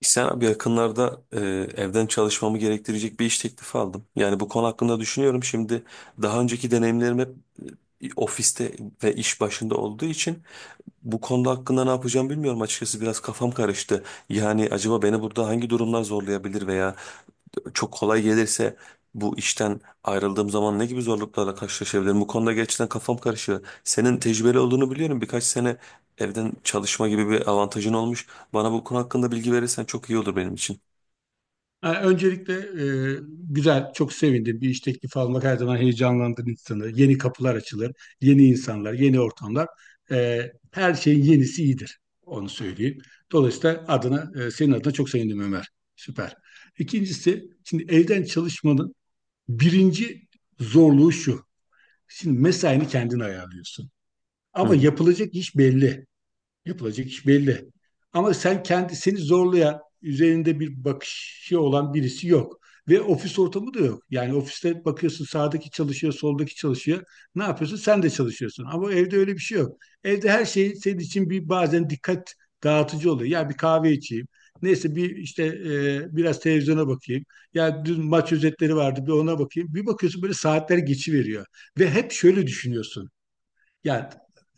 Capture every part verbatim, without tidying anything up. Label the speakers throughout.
Speaker 1: Sen abi yakınlarda e, evden çalışmamı gerektirecek bir iş teklifi aldım. Yani bu konu hakkında düşünüyorum. Şimdi daha önceki deneyimlerim hep e, ofiste ve iş başında olduğu için bu konuda hakkında ne yapacağım bilmiyorum açıkçası. Biraz kafam karıştı. Yani acaba beni burada hangi durumlar zorlayabilir veya çok kolay gelirse bu işten ayrıldığım zaman ne gibi zorluklarla karşılaşabilirim? Bu konuda gerçekten kafam karışıyor. Senin tecrübeli olduğunu biliyorum. Birkaç sene evden çalışma gibi bir avantajın olmuş. Bana bu konu hakkında bilgi verirsen çok iyi olur benim için.
Speaker 2: Ha, öncelikle e, güzel, çok sevindim. Bir iş teklifi almak her zaman heyecanlandıran insanı. Yeni kapılar açılır, yeni insanlar, yeni ortamlar. E, Her şeyin yenisi iyidir, onu söyleyeyim. Dolayısıyla adına, e, senin adına çok sevindim Ömer. Süper. İkincisi, şimdi evden çalışmanın birinci zorluğu şu. Şimdi mesaini kendin ayarlıyorsun.
Speaker 1: Hı
Speaker 2: Ama
Speaker 1: hı.
Speaker 2: yapılacak iş belli. Yapılacak iş belli. Ama sen kendisini zorlayan, üzerinde bir bakışı olan birisi yok. Ve ofis ortamı da yok. Yani ofiste bakıyorsun sağdaki çalışıyor, soldaki çalışıyor. Ne yapıyorsun? Sen de çalışıyorsun. Ama evde öyle bir şey yok. Evde her şey senin için bir bazen dikkat dağıtıcı oluyor. Ya bir kahve içeyim. Neyse bir işte e, biraz televizyona bakayım. Ya dün maç özetleri vardı bir ona bakayım. Bir bakıyorsun böyle saatler geçiveriyor. Ve hep şöyle düşünüyorsun. Ya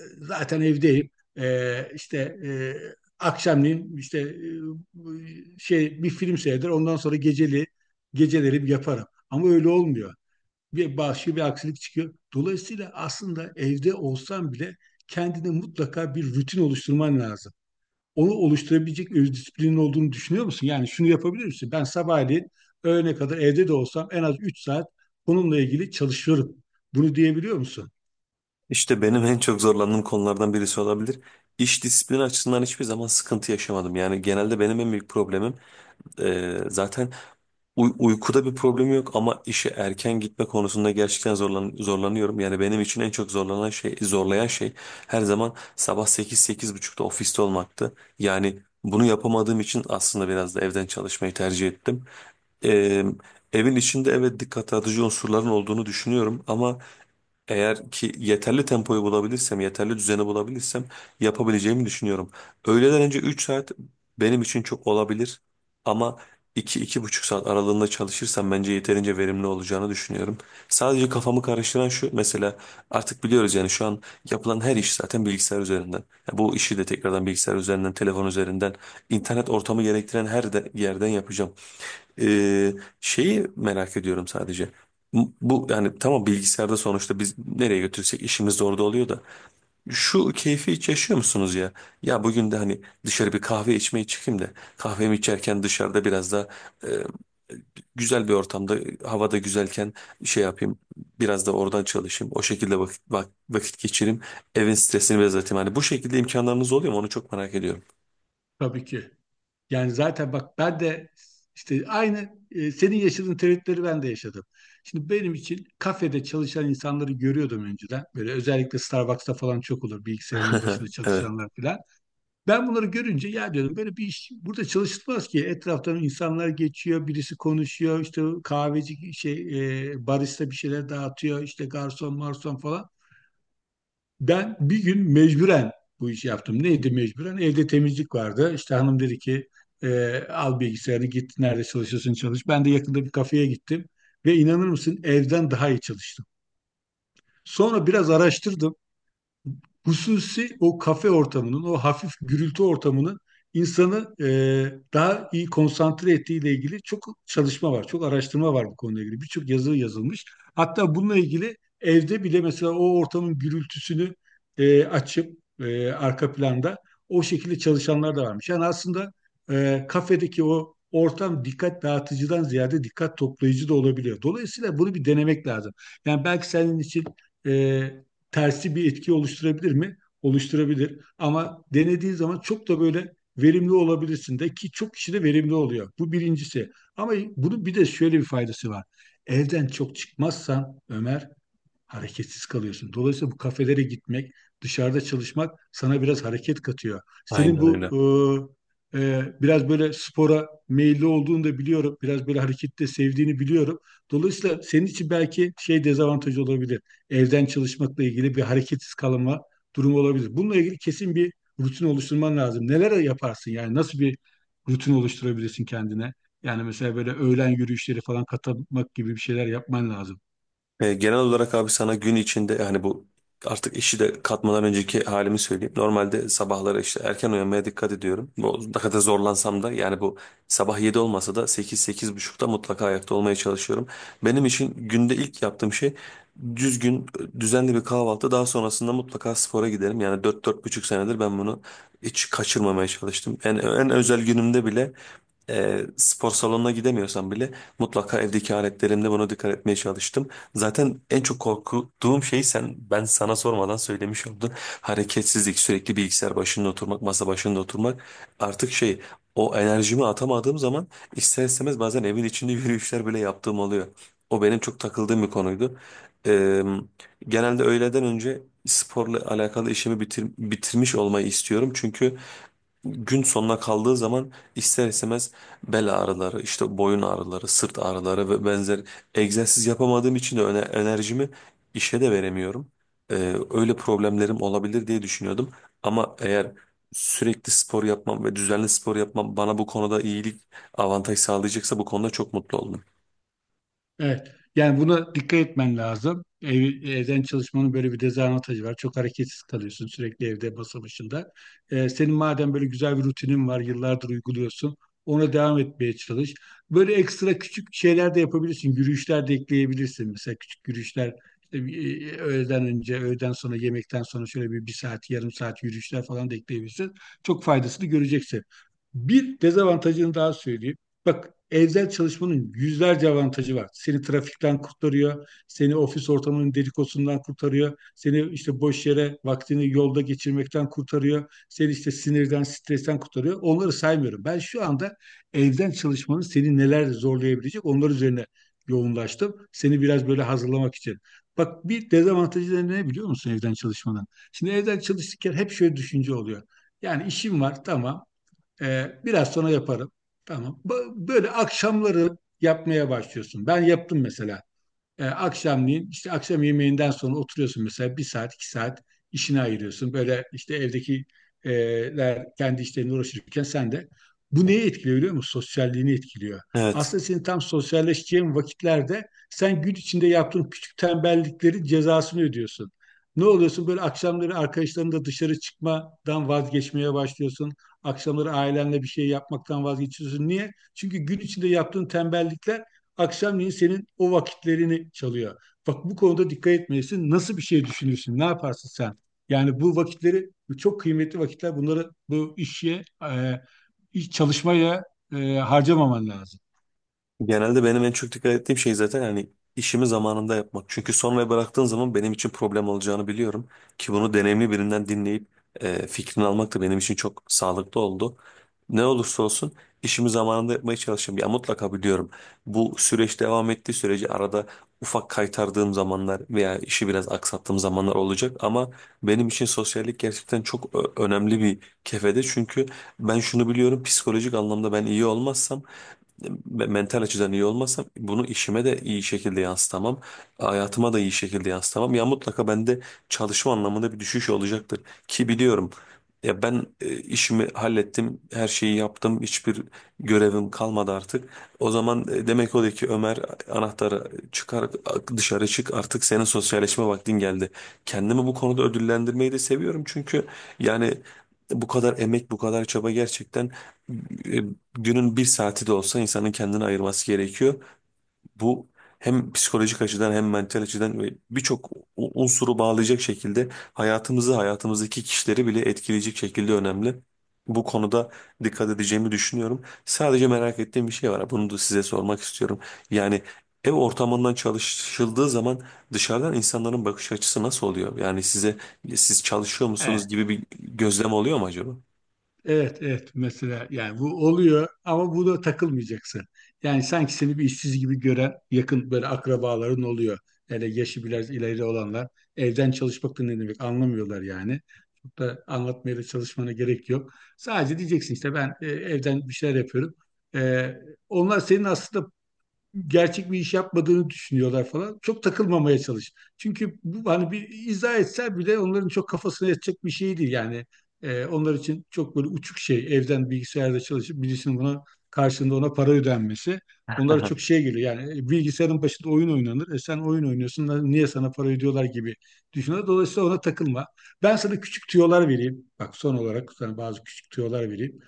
Speaker 2: e, zaten evdeyim. E, işte e, akşamleyin işte e, şey bir film seyreder. Ondan sonra geceli geceleri yaparım. Ama öyle olmuyor. Bir başka bir aksilik çıkıyor. Dolayısıyla aslında evde olsan bile kendine mutlaka bir rutin oluşturman lazım. Onu oluşturabilecek öz disiplinin olduğunu düşünüyor musun? Yani şunu yapabilir misin? Ben sabahleyin öğlene kadar evde de olsam en az üç saat bununla ilgili çalışıyorum. Bunu diyebiliyor musun?
Speaker 1: İşte benim en çok zorlandığım konulardan birisi olabilir. İş disiplini açısından hiçbir zaman sıkıntı yaşamadım. Yani genelde benim en büyük problemim e, zaten uy- uykuda bir problem yok ama işe erken gitme konusunda gerçekten zorlan zorlanıyorum. Yani benim için en çok zorlanan şey, zorlayan şey her zaman sabah sekiz sekiz buçukta ofiste olmaktı. Yani bunu yapamadığım için aslında biraz da evden çalışmayı tercih ettim. E, evin içinde evet dikkat dağıtıcı unsurların olduğunu düşünüyorum ama. Eğer ki yeterli tempoyu bulabilirsem, yeterli düzeni bulabilirsem yapabileceğimi düşünüyorum. Öğleden önce üç saat benim için çok olabilir ama iki iki buçuk saat aralığında çalışırsam bence yeterince verimli olacağını düşünüyorum. Sadece kafamı karıştıran şu mesela artık biliyoruz yani şu an yapılan her iş zaten bilgisayar üzerinden. Ya bu işi de tekrardan bilgisayar üzerinden, telefon üzerinden, internet ortamı gerektiren her de- yerden yapacağım. Ee, şeyi merak ediyorum sadece. M- Bu yani tamam bilgisayarda sonuçta biz nereye götürsek işimiz de orada oluyor da. Şu keyfi hiç yaşıyor musunuz ya? Ya bugün de hani dışarı bir kahve içmeye çıkayım da kahvemi içerken dışarıda biraz da e, güzel bir ortamda havada güzelken şey yapayım biraz da oradan çalışayım o şekilde vakit, vak- vakit geçireyim evin stresini biraz atayım. Hani bu şekilde imkanlarınız oluyor mu onu çok merak ediyorum.
Speaker 2: Tabii ki. Yani zaten bak ben de işte aynı e, senin yaşadığın tereddütleri ben de yaşadım. Şimdi benim için kafede çalışan insanları görüyordum önceden. Böyle özellikle Starbucks'ta falan çok olur bilgisayarın başında
Speaker 1: Evet
Speaker 2: çalışanlar falan. Ben bunları görünce ya diyordum böyle bir iş burada çalışılmaz ki. Etraftan insanlar geçiyor, birisi konuşuyor, işte kahveci şey e, barista bir şeyler dağıtıyor, işte garson marson falan. Ben bir gün mecburen bu işi yaptım. Neydi mecburen? Evde temizlik vardı. İşte hanım dedi ki e, al bilgisayarını git nerede çalışıyorsun çalış. Ben de yakında bir kafeye gittim ve inanır mısın evden daha iyi çalıştım. Sonra biraz araştırdım hususi o kafe ortamının, o hafif gürültü ortamının insanı e, daha iyi konsantre ettiğiyle ilgili çok çalışma var, çok araştırma var bu konuyla ilgili. Birçok yazı yazılmış. Hatta bununla ilgili evde bile mesela o ortamın gürültüsünü e, açıp e, arka planda o şekilde çalışanlar da varmış. Yani aslında e, kafedeki o ortam dikkat dağıtıcıdan ziyade dikkat toplayıcı da olabiliyor. Dolayısıyla bunu bir denemek lazım. Yani belki senin için e, tersi bir etki oluşturabilir mi? Oluşturabilir. Ama denediğin zaman çok da böyle verimli olabilirsin de ki çok kişi de verimli oluyor. Bu birincisi. Ama bunun bir de şöyle bir faydası var. Evden çok çıkmazsan Ömer hareketsiz kalıyorsun. Dolayısıyla bu kafelere gitmek, dışarıda çalışmak sana biraz hareket katıyor. Senin
Speaker 1: aynen
Speaker 2: bu
Speaker 1: öyle.
Speaker 2: e, e, biraz böyle spora meyilli olduğunu da biliyorum. Biraz böyle hareketi de sevdiğini biliyorum. Dolayısıyla senin için belki şey dezavantajı olabilir. Evden çalışmakla ilgili bir hareketsiz kalma durumu olabilir. Bununla ilgili kesin bir rutin oluşturman lazım. Neler yaparsın yani nasıl bir rutin oluşturabilirsin kendine? Yani mesela böyle öğlen yürüyüşleri falan katmak gibi bir şeyler yapman lazım.
Speaker 1: E, genel olarak abi sana gün içinde yani bu artık işi de katmadan önceki halimi söyleyeyim. Normalde sabahları işte erken uyanmaya dikkat ediyorum. Bu ne kadar zorlansam da yani bu sabah yedi olmasa da sekiz sekiz buçukta mutlaka ayakta olmaya çalışıyorum. Benim için günde ilk yaptığım şey düzgün düzenli bir kahvaltı daha sonrasında mutlaka spora giderim. Yani dört dört buçuk senedir ben bunu hiç kaçırmamaya çalıştım. En, en özel günümde bile e, spor salonuna gidemiyorsam bile mutlaka evdeki aletlerimde buna dikkat etmeye çalıştım. Zaten en çok korktuğum şey sen ben sana sormadan söylemiş oldun. Hareketsizlik, sürekli bilgisayar başında oturmak, masa başında oturmak artık şey o enerjimi atamadığım zaman ister istemez bazen evin içinde yürüyüşler bile yaptığım oluyor. O benim çok takıldığım bir konuydu. E, genelde öğleden önce sporla alakalı işimi bitir- bitirmiş olmayı istiyorum. Çünkü gün sonuna kaldığı zaman ister istemez bel ağrıları, işte boyun ağrıları, sırt ağrıları ve benzer egzersiz yapamadığım için de öne- enerjimi işe de veremiyorum. Ee, öyle problemlerim olabilir diye düşünüyordum. Ama eğer sürekli spor yapmam ve düzenli spor yapmam bana bu konuda iyilik, avantaj sağlayacaksa bu konuda çok mutlu oldum.
Speaker 2: Evet. Yani buna dikkat etmen lazım. Ev, evden çalışmanın böyle bir dezavantajı var. Çok hareketsiz kalıyorsun sürekli evde masa başında. Ee, senin madem böyle güzel bir rutinin var, yıllardır uyguluyorsun, ona devam etmeye çalış. Böyle ekstra küçük şeyler de yapabilirsin. Yürüyüşler de ekleyebilirsin. Mesela küçük yürüyüşler işte bir, e, öğleden önce, öğleden sonra, yemekten sonra şöyle bir, bir saat, yarım saat yürüyüşler falan da ekleyebilirsin. Çok faydasını göreceksin. Bir dezavantajını daha söyleyeyim. Bak evden çalışmanın yüzlerce avantajı var. Seni trafikten kurtarıyor, seni ofis ortamının dedikodusundan kurtarıyor, seni işte boş yere vaktini yolda geçirmekten kurtarıyor, seni işte sinirden, stresten kurtarıyor. Onları saymıyorum. Ben şu anda evden çalışmanın seni neler zorlayabilecek onlar üzerine yoğunlaştım. Seni biraz böyle hazırlamak için. Bak bir dezavantajı da ne biliyor musun evden çalışmanın? Şimdi evden çalışırken hep şöyle düşünce oluyor. Yani işim var tamam ee, biraz sonra yaparım. Tamam. Ba- Böyle akşamları yapmaya başlıyorsun. Ben yaptım mesela. E, akşamleyin işte akşam yemeğinden sonra oturuyorsun mesela bir saat iki saat işine ayırıyorsun. Böyle işte evdekiler kendi işlerine uğraşırken sen de bu neyi etkiliyor biliyor musun? Sosyalliğini etkiliyor.
Speaker 1: Evet.
Speaker 2: Aslında senin tam sosyalleşeceğin vakitlerde sen gün içinde yaptığın küçük tembelliklerin cezasını ödüyorsun. Ne oluyorsun? Böyle akşamları arkadaşlarınla dışarı çıkmadan vazgeçmeye başlıyorsun. Akşamları ailenle bir şey yapmaktan vazgeçiyorsun. Niye? Çünkü gün içinde yaptığın tembellikler akşamleyin senin o vakitlerini çalıyor. Bak bu konuda dikkat etmelisin. Nasıl bir şey düşünürsün? Ne yaparsın sen? Yani bu vakitleri bu çok kıymetli vakitler. Bunları bu işe e, iş çalışmaya e, harcamaman lazım.
Speaker 1: Genelde benim en çok dikkat ettiğim şey zaten hani işimi zamanında yapmak. Çünkü sonraya bıraktığın zaman benim için problem olacağını biliyorum. Ki bunu deneyimli birinden dinleyip e, fikrini almak da benim için çok sağlıklı oldu. Ne olursa olsun işimi zamanında yapmaya çalışıyorum. Ya mutlaka biliyorum bu süreç devam ettiği sürece arada ufak kaytardığım zamanlar veya işi biraz aksattığım zamanlar olacak. Ama benim için sosyallik gerçekten çok ö- önemli bir kefede. Çünkü ben şunu biliyorum psikolojik anlamda ben iyi olmazsam me- mental açıdan iyi olmazsam bunu işime de iyi şekilde yansıtamam. Hayatıma da iyi şekilde yansıtamam. Ya mutlaka bende çalışma anlamında bir düşüş olacaktır. Ki biliyorum ya ben e, işimi hallettim, her şeyi yaptım, hiçbir görevim kalmadı artık. O zaman e, demek o da ki Ömer anahtarı çıkar dışarı çık artık senin sosyalleşme vaktin geldi. Kendimi bu konuda ödüllendirmeyi de seviyorum çünkü yani bu kadar emek, bu kadar çaba gerçekten e, günün bir saati de olsa insanın kendini ayırması gerekiyor. Bu hem psikolojik açıdan hem mental açıdan ve birçok u- unsuru bağlayacak şekilde hayatımızı, hayatımızdaki kişileri bile etkileyecek şekilde önemli. Bu konuda dikkat edeceğimi düşünüyorum. Sadece merak ettiğim bir şey var. Bunu da size sormak istiyorum. Yani ev ortamından çalışıldığı zaman dışarıdan insanların bakış açısı nasıl oluyor? Yani size siz çalışıyor musunuz
Speaker 2: Evet.
Speaker 1: gibi bir gözlem oluyor mu acaba?
Speaker 2: Evet, evet mesela yani bu oluyor ama bu da takılmayacaksın. Yani sanki seni bir işsiz gibi gören yakın böyle akrabaların oluyor. Hele yaşı biraz ileri olanlar evden çalışmak da ne demek anlamıyorlar yani. Çok da anlatmaya da çalışmana gerek yok. Sadece diyeceksin işte ben e, evden bir şeyler yapıyorum. E, Onlar senin aslında gerçek bir iş yapmadığını düşünüyorlar falan. Çok takılmamaya çalış. Çünkü bu, hani bir izah etsen bile onların çok kafasına yatacak bir şey değil yani. Ee, onlar için çok böyle uçuk şey evden bilgisayarda çalışıp birisinin buna karşılığında ona para ödenmesi. Onlara çok şey geliyor yani e, bilgisayarın başında oyun oynanır. E sen oyun oynuyorsun lan niye sana para ödüyorlar gibi düşünüyorlar. Dolayısıyla ona takılma. Ben sana küçük tüyolar vereyim. Bak son olarak sana bazı küçük tüyolar vereyim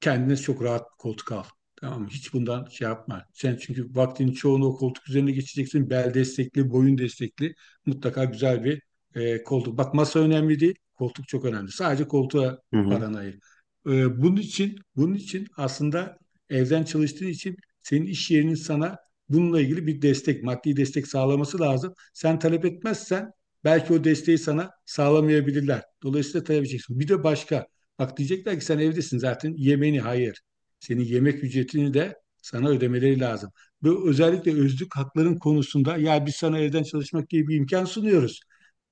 Speaker 2: kendine çok rahat bir koltuk al. Tamam mı? Hiç bundan şey yapma. Sen çünkü vaktinin çoğunu o koltuk üzerine geçeceksin. Bel destekli, boyun destekli. Mutlaka güzel bir e, koltuk. Bak masa önemli değil. Koltuk çok önemli. Sadece koltuğa
Speaker 1: Hı hı.
Speaker 2: paranı ayır. E, bunun için, bunun için aslında evden çalıştığın için senin iş yerinin sana bununla ilgili bir destek, maddi destek sağlaması lazım. Sen talep etmezsen belki o desteği sana sağlamayabilirler. Dolayısıyla talep edeceksin. Bir de başka. Bak diyecekler ki sen evdesin zaten yemeğini hayır. Senin yemek ücretini de sana ödemeleri lazım. Bu özellikle özlük hakların konusunda ya biz sana evden çalışmak diye bir imkan sunuyoruz.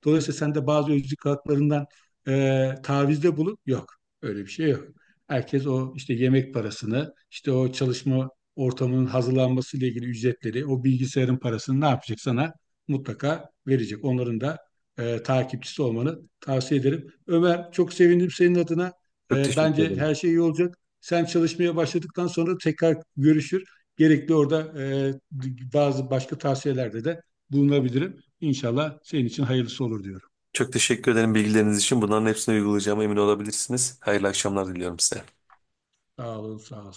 Speaker 2: Dolayısıyla sen de bazı özlük haklarından e, tavizde bulup yok. Öyle bir şey yok. Herkes o işte yemek parasını, işte o çalışma ortamının hazırlanması ile ilgili ücretleri, o bilgisayarın parasını ne yapacak sana mutlaka verecek. Onların da e, takipçisi olmanı tavsiye ederim. Ömer çok sevindim senin adına.
Speaker 1: Çok
Speaker 2: E,
Speaker 1: teşekkür
Speaker 2: bence
Speaker 1: ederim.
Speaker 2: her şey iyi olacak. Sen çalışmaya başladıktan sonra tekrar görüşür. Gerekli orada e, bazı başka tavsiyelerde de bulunabilirim. İnşallah senin için hayırlısı olur diyorum.
Speaker 1: Çok teşekkür ederim bilgileriniz için. Bunların hepsini uygulayacağıma emin olabilirsiniz. Hayırlı akşamlar diliyorum size.
Speaker 2: Sağ olun, sağ ol